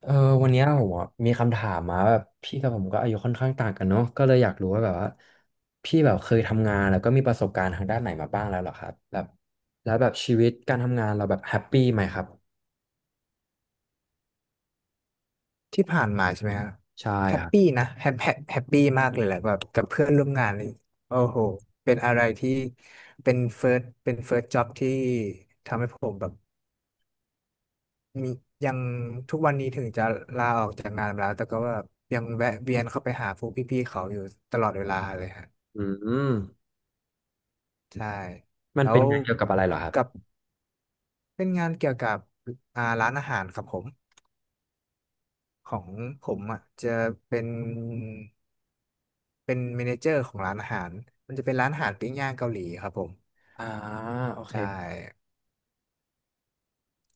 เออวันเนี้ยผมอะมีคำถามมาแบบพี่กับผมก็อายุค่อนข้างต่างกันเนาะก็เลยอยากรู้ว่าแบบว่าพี่แบบเคยทำงานแล้วก็มีประสบการณ์ทางด้านไหนมาบ้างแล้วเหรอครับแบบแล้วแบบชีวิตการทำงานเราแบบแฮปปี้ไหมครับที่ผ่านมาใช่ไหมครับใช่แฮคปรัปี้บนะแฮปปี้มากเลยแหละแบบกับเพื่อนร่วมงานเลยโอ้โหเป็นอะไรที่เป็นเฟิร์สจ็อบที่ทำให้ผมแบบมียังทุกวันนี้ถึงจะลาออกจากงานมาแล้วแต่ก็แบบยังแวะเวียนเข้าไปหาพวกพี่ๆเขาอยู่ตลอดเวลาเลยฮะอืมใช่มันแล้เป็นวงานเกี่ยวกับอะไรเหรอครับกับเป็นงานเกี่ยวกับร้านอาหารครับผมของผมอ่ะจะเป็น เป็นเมเนเจอร์ของร้านอาหาร มันจะเป็นร้านอาหารปิ้งย่างเกาหลีครับผมอ่าโอเค ใช่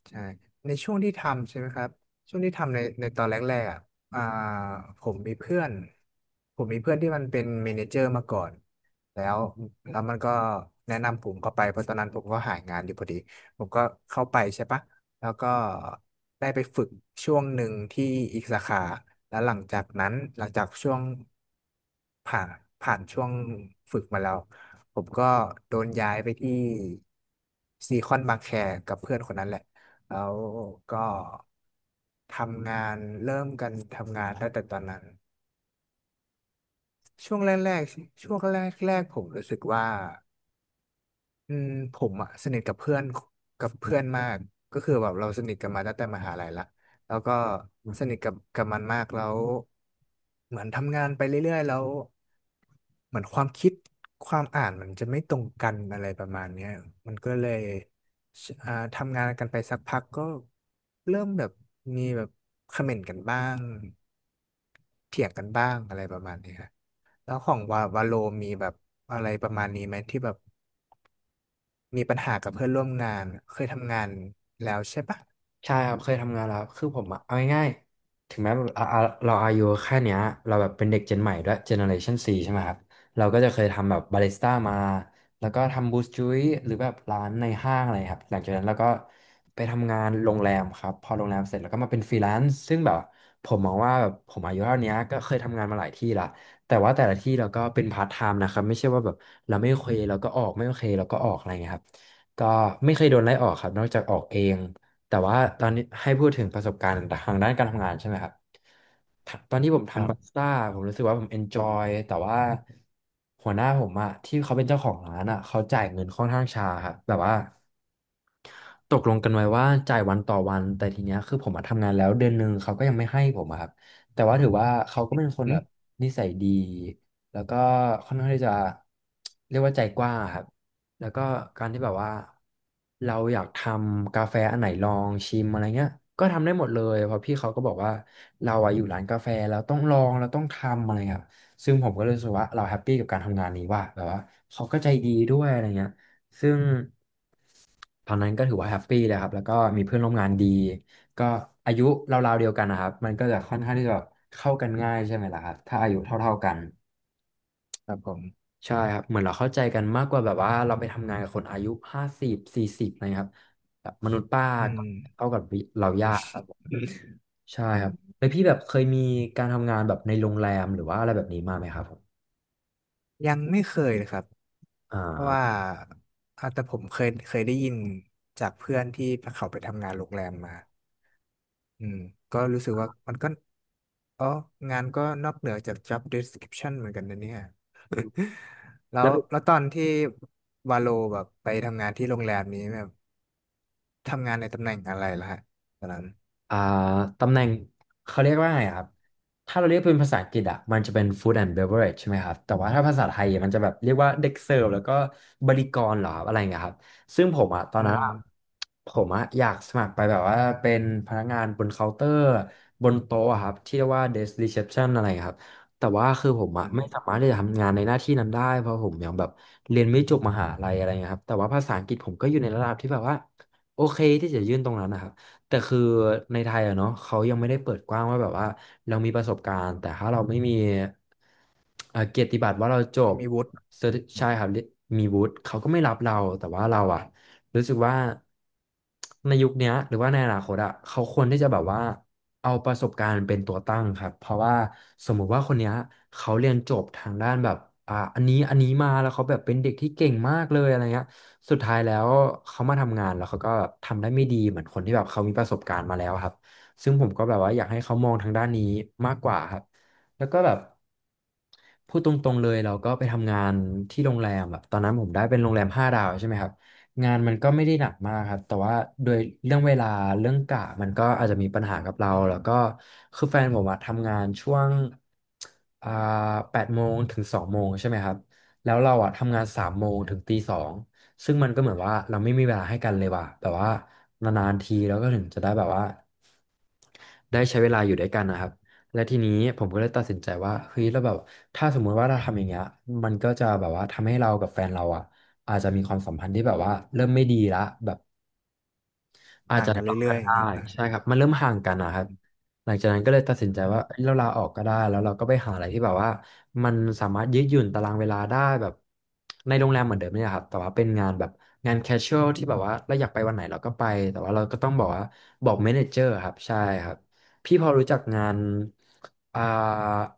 ใช่ในช่วงที่ทำใช่ไหมครับ ช่วงที่ทำในตอนแรกๆอ่ะอ่าผมมีเพื่อน ผมมีเพื่อนที่มันเป็นเมเนเจอร์มาก่อน แล้วแล้วมันก็แนะนำผมเข้าไปเพราะตอนนั้นผมก็หางานอยู่พอดีผมก็เข้าไปใช่ปะแล้วก็ได้ไปฝึกช่วงหนึ่งที่อีกสาขาแล้วหลังจากนั้นหลังจากช่วงผ่านผ่านช่วงฝึกมาแล้วผมก็โดนย้ายไปที่ซีคอนบางแคกับเพื่อนคนนั้นแหละ แล้วก็ทำงานเริ่มกันทำงานตั้งแต่ตอนนั้นช่วงแรกๆช่วงแรกผมรู้สึกว่าอืมผมอะสนิทกับเพื่อนมากก็คือแบบเราสนิทกันมาตั้งแต่มหาลัยละแล้วก็สนิทกับมันมากแล้วเหมือนทำงานไปเรื่อยๆแล้ว เหมือนความคิดความอ่านมันจะไม่ตรงกันอะไรประมาณเนี้ยมันก็เลยทำงานกันไปสักพักก็เริ่มแบบมีแบบคอมเมนต์กันบ้างเถียงกันบ้างอะไรประมาณนี้ครับแล้วของวาโลมีแบบอะไรประมาณนี้ไหมที่แบบมีปัญหากับเพื่อนร่วมงานเคยทำงานแล้วใช่ปะใช่ครับเคยทำงานแล้วคือผมอะเอาง่ายๆถึงแม้แบบอ่ะเราอายุแค่เนี้ยเราแบบเป็นเด็กเจนใหม่ด้วยเจเนอเรชันซีใช่ไหมครับเราก็จะเคยทำแบบบาริสต้ามาแล้วก็ทำบูสจุยหรือแบบร้านในห้างอะไรครับหลังจากนั้นเราก็ไปทำงานโรงแรมครับพอโรงแรมเสร็จแล้วก็มาเป็นฟรีแลนซ์ซึ่งแบบผมมองว่าแบบผมอายุเท่านี้ก็เคยทำงานมาหลายที่ละแต่ว่าแต่ละที่เราก็เป็นพาร์ทไทม์นะครับไม่ใช่ว่าแบบเราไม่โอเคเราก็ออกไม่โอเคเราก็ออกอะไรเงี้ยครับก็ไม่เคยโดนไล่ออกครับนอกจากออกเอง แต่ว่าตอนนี้ให้พูดถึงประสบการณ์ทางด้านการทำงานใช่ไหมครับตอนที่ผมครัทำบบาริสต้าผมรู้สึกว่าผมเอนจอยแต่ว่าหัวหน้าผมอะที่เขาเป็นเจ้าของร้านอะเขาจ่ายเงินค่อนข้างช้าครับแบบว่า ตกลงกันไว้ว่าจ่ายวันต่อวันแต่ทีเนี้ยคือผมมาทำงานแล้วเดือนหนึ่งเขาก็ยังไม่ให้ผมอะครับแต่ว่าถือว่าเขาก็เป็นคนอืแบบมนิสัยดีแล้วก็ค่อนข้างที่จะเรียกว่าใจกว้างอะครับแล้วก็การที่แบบว่าเราอยากทำกาแฟอันไหนลองชิมอะไรเงี้ยก็ทำได้หมดเลยเพราะพี่เขาก็บอกว่าเราอะอยู่ร้านกาแฟแล้วต้องลองเราต้องทำอะไรครับซึ่งผมก็เลยรู้สึกว่าเราแฮปปี้กับการทำงานนี้ว่าแบบว่าเขาก็ใจดีด้วยอะไรเงี้ย ซึ่งตอนนั้นก็ถือว่าแฮปปี้เลยครับแล้วก็มีเพื่อนร่วมงานดีก็อายุราวๆเดียวกันนะครับมันก็จะค่อนข้างที่จะแบบเข้ากันง่ายใช่ไหมล่ะครับถ้าอายุเท่าๆกันครับผมใช่ครับเหมือนเราเข้าใจกันมากกว่าแบบว่าเราไปทำงานกับคนอายุ5040อะไรครับแบบมนุษย์ป้าอืก็มเข้ากับเราอืยากม ครับผมใช่ครับ แล้วพี่แบบเคยมีการทำงานแบบในโรงแรมหรือว่าอะไรแบบนี้มาไหมครับผมยังไม่เคยเลยครับ อ่เพราะว่าา อ่ะแต่ผมเคยได้ยินจากเพื่อนที่เขาไปทำงานโรงแรมมาอืมก็รู้สึกว่ามันก็อ๋องานก็นอกเหนือจาก job description เหมือนกันนะเนี่ย แล้วตอนที่วาโลแบบไปทำงานที่โรงแรมนี้แบบทำงานในตำแหน่งอะไรล่ะฮะตอนนั้นอ่าตำแหน่งเขาเรียกว่าไงอะครับถ้าเราเรียกเป็นภาษาอังกฤษอ่ะมันจะเป็น food and beverage ใช่ไหมครับแต่ว่าถ้าภาษาไทยอะมันจะแบบเรียกว่าเด็กเสิร์ฟแล้วก็บริกรเหรอครับอะไรอย่างเงี้ยครับซึ่งผมอ่ะตอนอืนั้นอะมผมอ่ะอยากสมัครไปแบบว่าเป็นพนักงานบนเคาน์เตอร์บนโต๊ะอะครับที่เรียกว่า desk reception อะไรอย่างเงี้ยครับแต่ว่าคือผมอ่ะอืไม่สามามรถที่จะทำงานในหน้าที่นั้นได้เพราะผมยังแบบเรียนไม่จบมหาลัยอะไรอย่างเงี้ยครับแต่ว่าภาษาอังกฤษผมก็อยู่ในระดับที่แบบว่าโอเคที่จะยื่นตรงนั้นนะครับ แต่คือในไทยอะเนาะเขายังไม่ได้เปิดกว้างว่าแบบว่าเรามีประสบการณ์แต่ถ้าเราไม่มีเกียรติบัตรว่าเราจไม่บมีวุฒิเซอร์ใช่ครับมีวุฒิเขาก็ไม่รับเราแต่ว่าเราอะรู้สึกว่าในยุคเนี้ยหรือว่าในอนาคตอะเขาควรที่จะแบบว่าเอาประสบการณ์เป็นตัวตั้งครับเพราะว่าสมมุติว่าคนเนี้ยเขาเรียนจบทางด้านแบบอันนี้มาแล้วเขาแบบเป็นเด็กที่เก่งมากเลยอะไรเงี้ย สุดท้ายแล้วเขามาทำงานแล้วเขาก็ทำได้ไม่ดีเหมือนคนที่แบบเขามีประสบการณ์มาแล้วครับซึ่งผมก็แบบว่าอยากให้เขามองทางด้านนี้มากกว่าครับแล้วก็แบบพูดตรงๆเลยเราก็ไปทำงานที่โรงแรมแบบตอนนั้นผมได้เป็นโรงแรม5 ดาวใช่ไหมครับงานมันก็ไม่ได้หนักมากครับแต่ว่าโดยเรื่องเวลาเรื่องกะมันก็อาจจะมีปัญหากับเราแล้วก็คือแฟนผมอะทำงานช่วงอ่า8 โมงถึง2 โมงใช่ไหมครับแล้วเราอะทำงาน3 โมงถึงตี 2 ซึ่งมันก็เหมือนว่าเราไม่มีเวลาให้กันเลยว่ะแบบว่านานๆทีเราก็ถึงจะได้แบบว่าได้ใช้เวลาอยู่ด้วยกันนะครับและทีนี้ผมก็เลยตัดสินใจว่าเฮ้ยแล้วแบบถ้าสมมุติว่าเราทำอย่างเงี้ยมันก็จะแบบว่าทำให้เรากับแฟนเราอ่ะอาจจะมีความสัมพันธ์ที่แบบว่าเริ่มไม่ดีละแบบ อาจห่างจะกันล็อกกัเรื่อยนๆอย่าได้งเงี้ยนะ ใช่ครับมันเริ่มห่างกันนะครับหลังจากนั้นก็เลยตัดสินใจว่าเอ้ยเราลาออกก็ได้แล้วเราก็ไปหาอะไรที่แบบว่ามันสามารถยืดหยุ่นตารางเวลาได้แบบในโรงแรมเหมือนเดิมเนี่ยครับแต่ว่าเป็นงานแบบงานแคชชวลที่แบบว่าเราอยากไปวันไหนเราก็ไปแต่ว่าเราก็ต้องบอกว่าบอกเมเนเจอร์ครับใช่ครับพี่พอรู้จักงานอ่า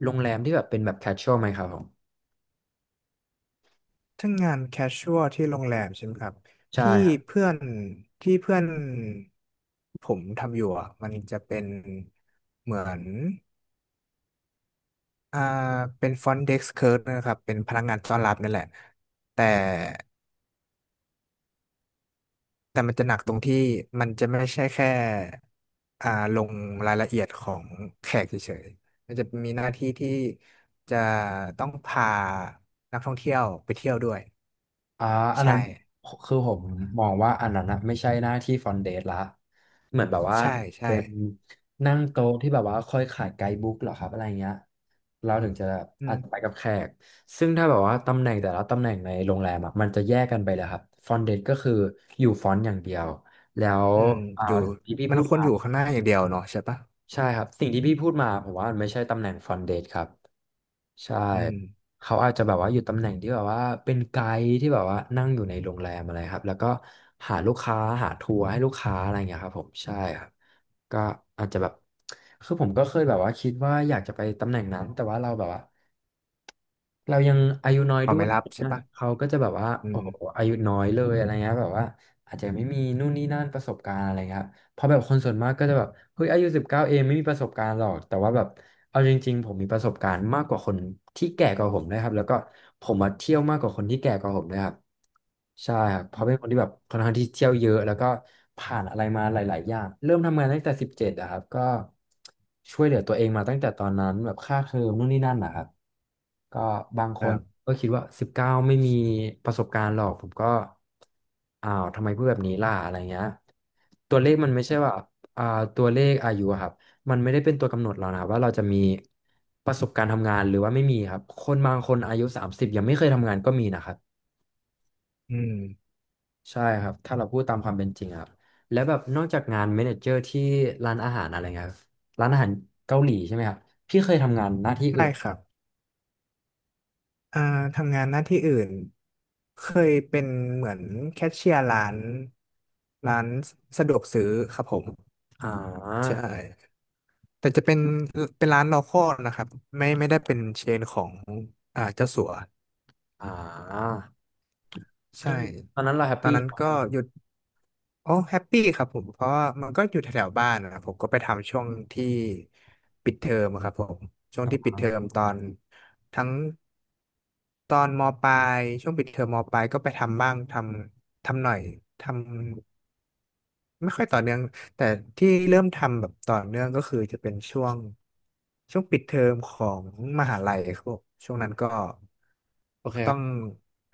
โรงแรมที่แบบเป็นแบบแคชชวลไหมครับผมทั้งงานแคชชวลที่โรงแรมใช่ไหมครับที่ใช่ เพื่อนที่เพื่อนผมทำอยู่อะมันจะเป็นเหมือนอ่าเป็นฟรอนต์เด็กซ์เคิร์ฟนะครับเป็นพนักงานต้อนรับนั่นแหละแต่แต่มันจะหนักตรงที่มันจะไม่ใช่แค่อ่าลงรายละเอียดของแขกเฉยๆมันจะมีหน้าที่ที่จะต้องพานักท่องเที่ยวไปเที่ยวด้วยอ่าอันนั้ใช่นคือผมมองว่าอันนั้นนะไม่ใช่หน้าที่ฟอนเดตละเหมือนแบบว่าใช่ใช่เป็นนั่งโต๊ะที่แบบว่าคอยขายไกด์บุ๊กเหรอครับอะไรเงี้ยเราถึงจะอือาจม จะไปกับแขกซึ่งถ้าแบบว่าตำแหน่งแต่ละตำแหน่งในโรงแรมอะมันจะแยกกันไปเลยครับฟอนเดตก็คืออยู่ฟอนต์อย่างเดียวแล้วอืมอ่าอยู่ที่พี่มัพูนดควรมา อยู่ข้างหน้าอย่างเดียวเนาะใช่ปะใช่ครับสิ่งที่พี่พูดมาผมว่ามันไม่ใช่ตำแหน่งฟรอนต์เดสครับใช่อืมเขาอาจจะแบบว่าอยู่ตำแหน่งที่แบบว่าเป็นไกด์ที่แบบว่านั่งอยู่ในโรงแรมอะไรครับแล้วก็หาลูกค้าหาทัวร์ให้ลูกค้าอะไรอย่างเงี้ยครับผมใช่ครับก็อาจจะแบบคือผมก็เคยแบบว่าคิดว่าอยากจะไปตำแหน่งนั้นแต่ว่าเราแบบว่าเรายังอายุน้อยเขาด้วไม่ยรับใช่นะปะเขาก็จะแบบว่าอืโอ้มโหอายุน้อยเลยอะไรเงี้ยแบบว่าอาจจะไม่มีนู่นนี่นั่นประสบการณ์อะไรเงี้ย เพราะแบบคนส่วนมากก็จะแบบเฮ้ยอายุสิบเก้าเองไม่มีประสบการณ์หรอกแต่ว่าแบบเอาจริงๆผมมีประสบการณ์มากกว่าคนที่แก่กว่าผมนะครับแล้วก็ผมมาเที่ยวมากกว่าคนที่แก่กว่าผมด้วยครับใช่ครับเพราะเป็นคนที่แบบค่อนข้างที่เที่ยวเยอะแล้วก็ผ่านอะไรมาหลายๆอย่างเริ่มทำงานตั้งแต่17อะครับก็ช่วยเหลือตัวเองมาตั้งแต่ตอนนั้นแบบค่าเทอมนู่นนี่นั่นนะครับก็บางคครันบก็คิดว่าสิบเก้าไม่มีประสบการณ์หรอกผมก็ อ้าวทำไมพูดแบบนี้ล่ะอะไรเงี้ยตัวเลขมันไม่ใช่ว่าอ่าตัวเลขอายุอะครับมันไม่ได้เป็นตัวกำหนดเรานะครับว่าเราจะมีประสบการณ์ทำงานหรือว่าไม่มีครับคนบางคนอายุ30ยังไม่เคยทำงานก็มีนะครับอืมใช่ครับถ้าเราพูดตามความเป็นจริงอะครับแล้วแบบนอกจากงานเมเนเจอร์ที่ร้านอาหารอะไรเงี้ยครับร้านอาหารเกาหลีใช่ไหมครับพี่เคยทำงานหน้าที่อื่ได้นครับอ่าทำงานหน้าที่อื่นเคยเป็นเหมือนแคชเชียร์ร้านสะดวกซื้อครับผมอ่ใชา่แต่จะเป็นร้าน local นะครับไม่ได้เป็นเชนของอ่าเจ้าสัวอ่าก็ใช่คือตอนนั้นเราแฮปตอนปี้นั้นไหมคก็รับหยุด โอ้แฮปปี้ครับผมเพราะว่ามันก็อยู่แถวๆบ้านนะครับผมก็ไปทำช่วงที่ปิดเทอมครับผมช่วงที่ปิดเทอมตอนทั้งตอนมปลายช่วงปิดเทอมมปลายก็ไปทำบ้างทำทำหน่อยทำไม่ค่อยต่อเนื่องแต่ที่เริ่มทำแบบต่อเนื่องก็คือจะเป็นช่วงปิดเทอมของมหาลัยครับผมช่วงนั้นก็โอเคคต้อรับ ง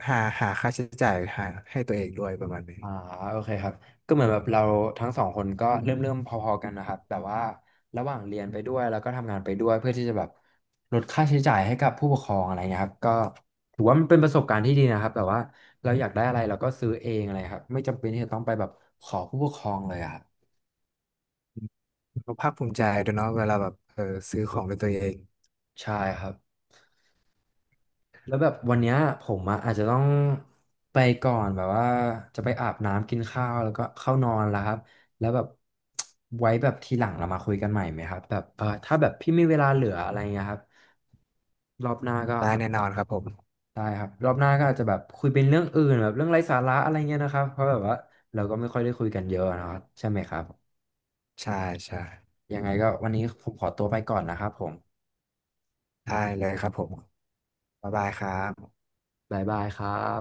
หาค่าใช้จ่ายหาให้ตัวเองด้วยประมาณนี้ อ่าโอเคครับก็เหมือนแบบเราทั้งสองคนก็อืเริ่มมเริ่มพอๆกันนะครับแต่ว่าระหว่างเรียนไปด้วยแล้วก็ทำงานไปด้วยเพื่อที่จะแบบลดค่าใช้จ่ายให้กับผู้ปกครองอะไรเงี้ยครับก็ถือว่ามันเป็นประสบการณ์ที่ดีนะครับแบบว่าเราอยากได้อะไรเราก็ซื้อเองอะไรครับไม่จำเป็นที่จะต้องไปแบบขอผู้ปกครองเลยอะครับก็ภาคภูมิใจด้วยเนาะเวลาแบบเออซื้อของด้วยตัวเองใช่ครับ แล้วแบบวันเนี้ยผมอะอาจจะต้องไปก่อนแบบว่าจะไปอาบน้ำกินข้าวแล้วก็เข้านอนแล้วครับแล้วแบบ ไว้แบบทีหลังเรามาคุยกันใหม่ไหมครับแบบเออถ้าแบบพี่มีเวลาเหลืออะไรเงี้ยครับรอบหน้าก็ได้แน่นอนครับผมได้ครับรอบหน้าก็อาจจะแบบคุยเป็นเรื่องอื่นแบบเรื่องไร้สาระอะไรเงี้ยนะครับเพราะแบบว่าเราก็ไม่ค่อยได้คุยกันเยอะนะครับใช่ไหมครับใช่ใช่ยังไงก็วันนี้ผมขอตัวไปก่อนนะครับผมได้เลยครับผมบ๊ายบายครับบ๊ายบายครับ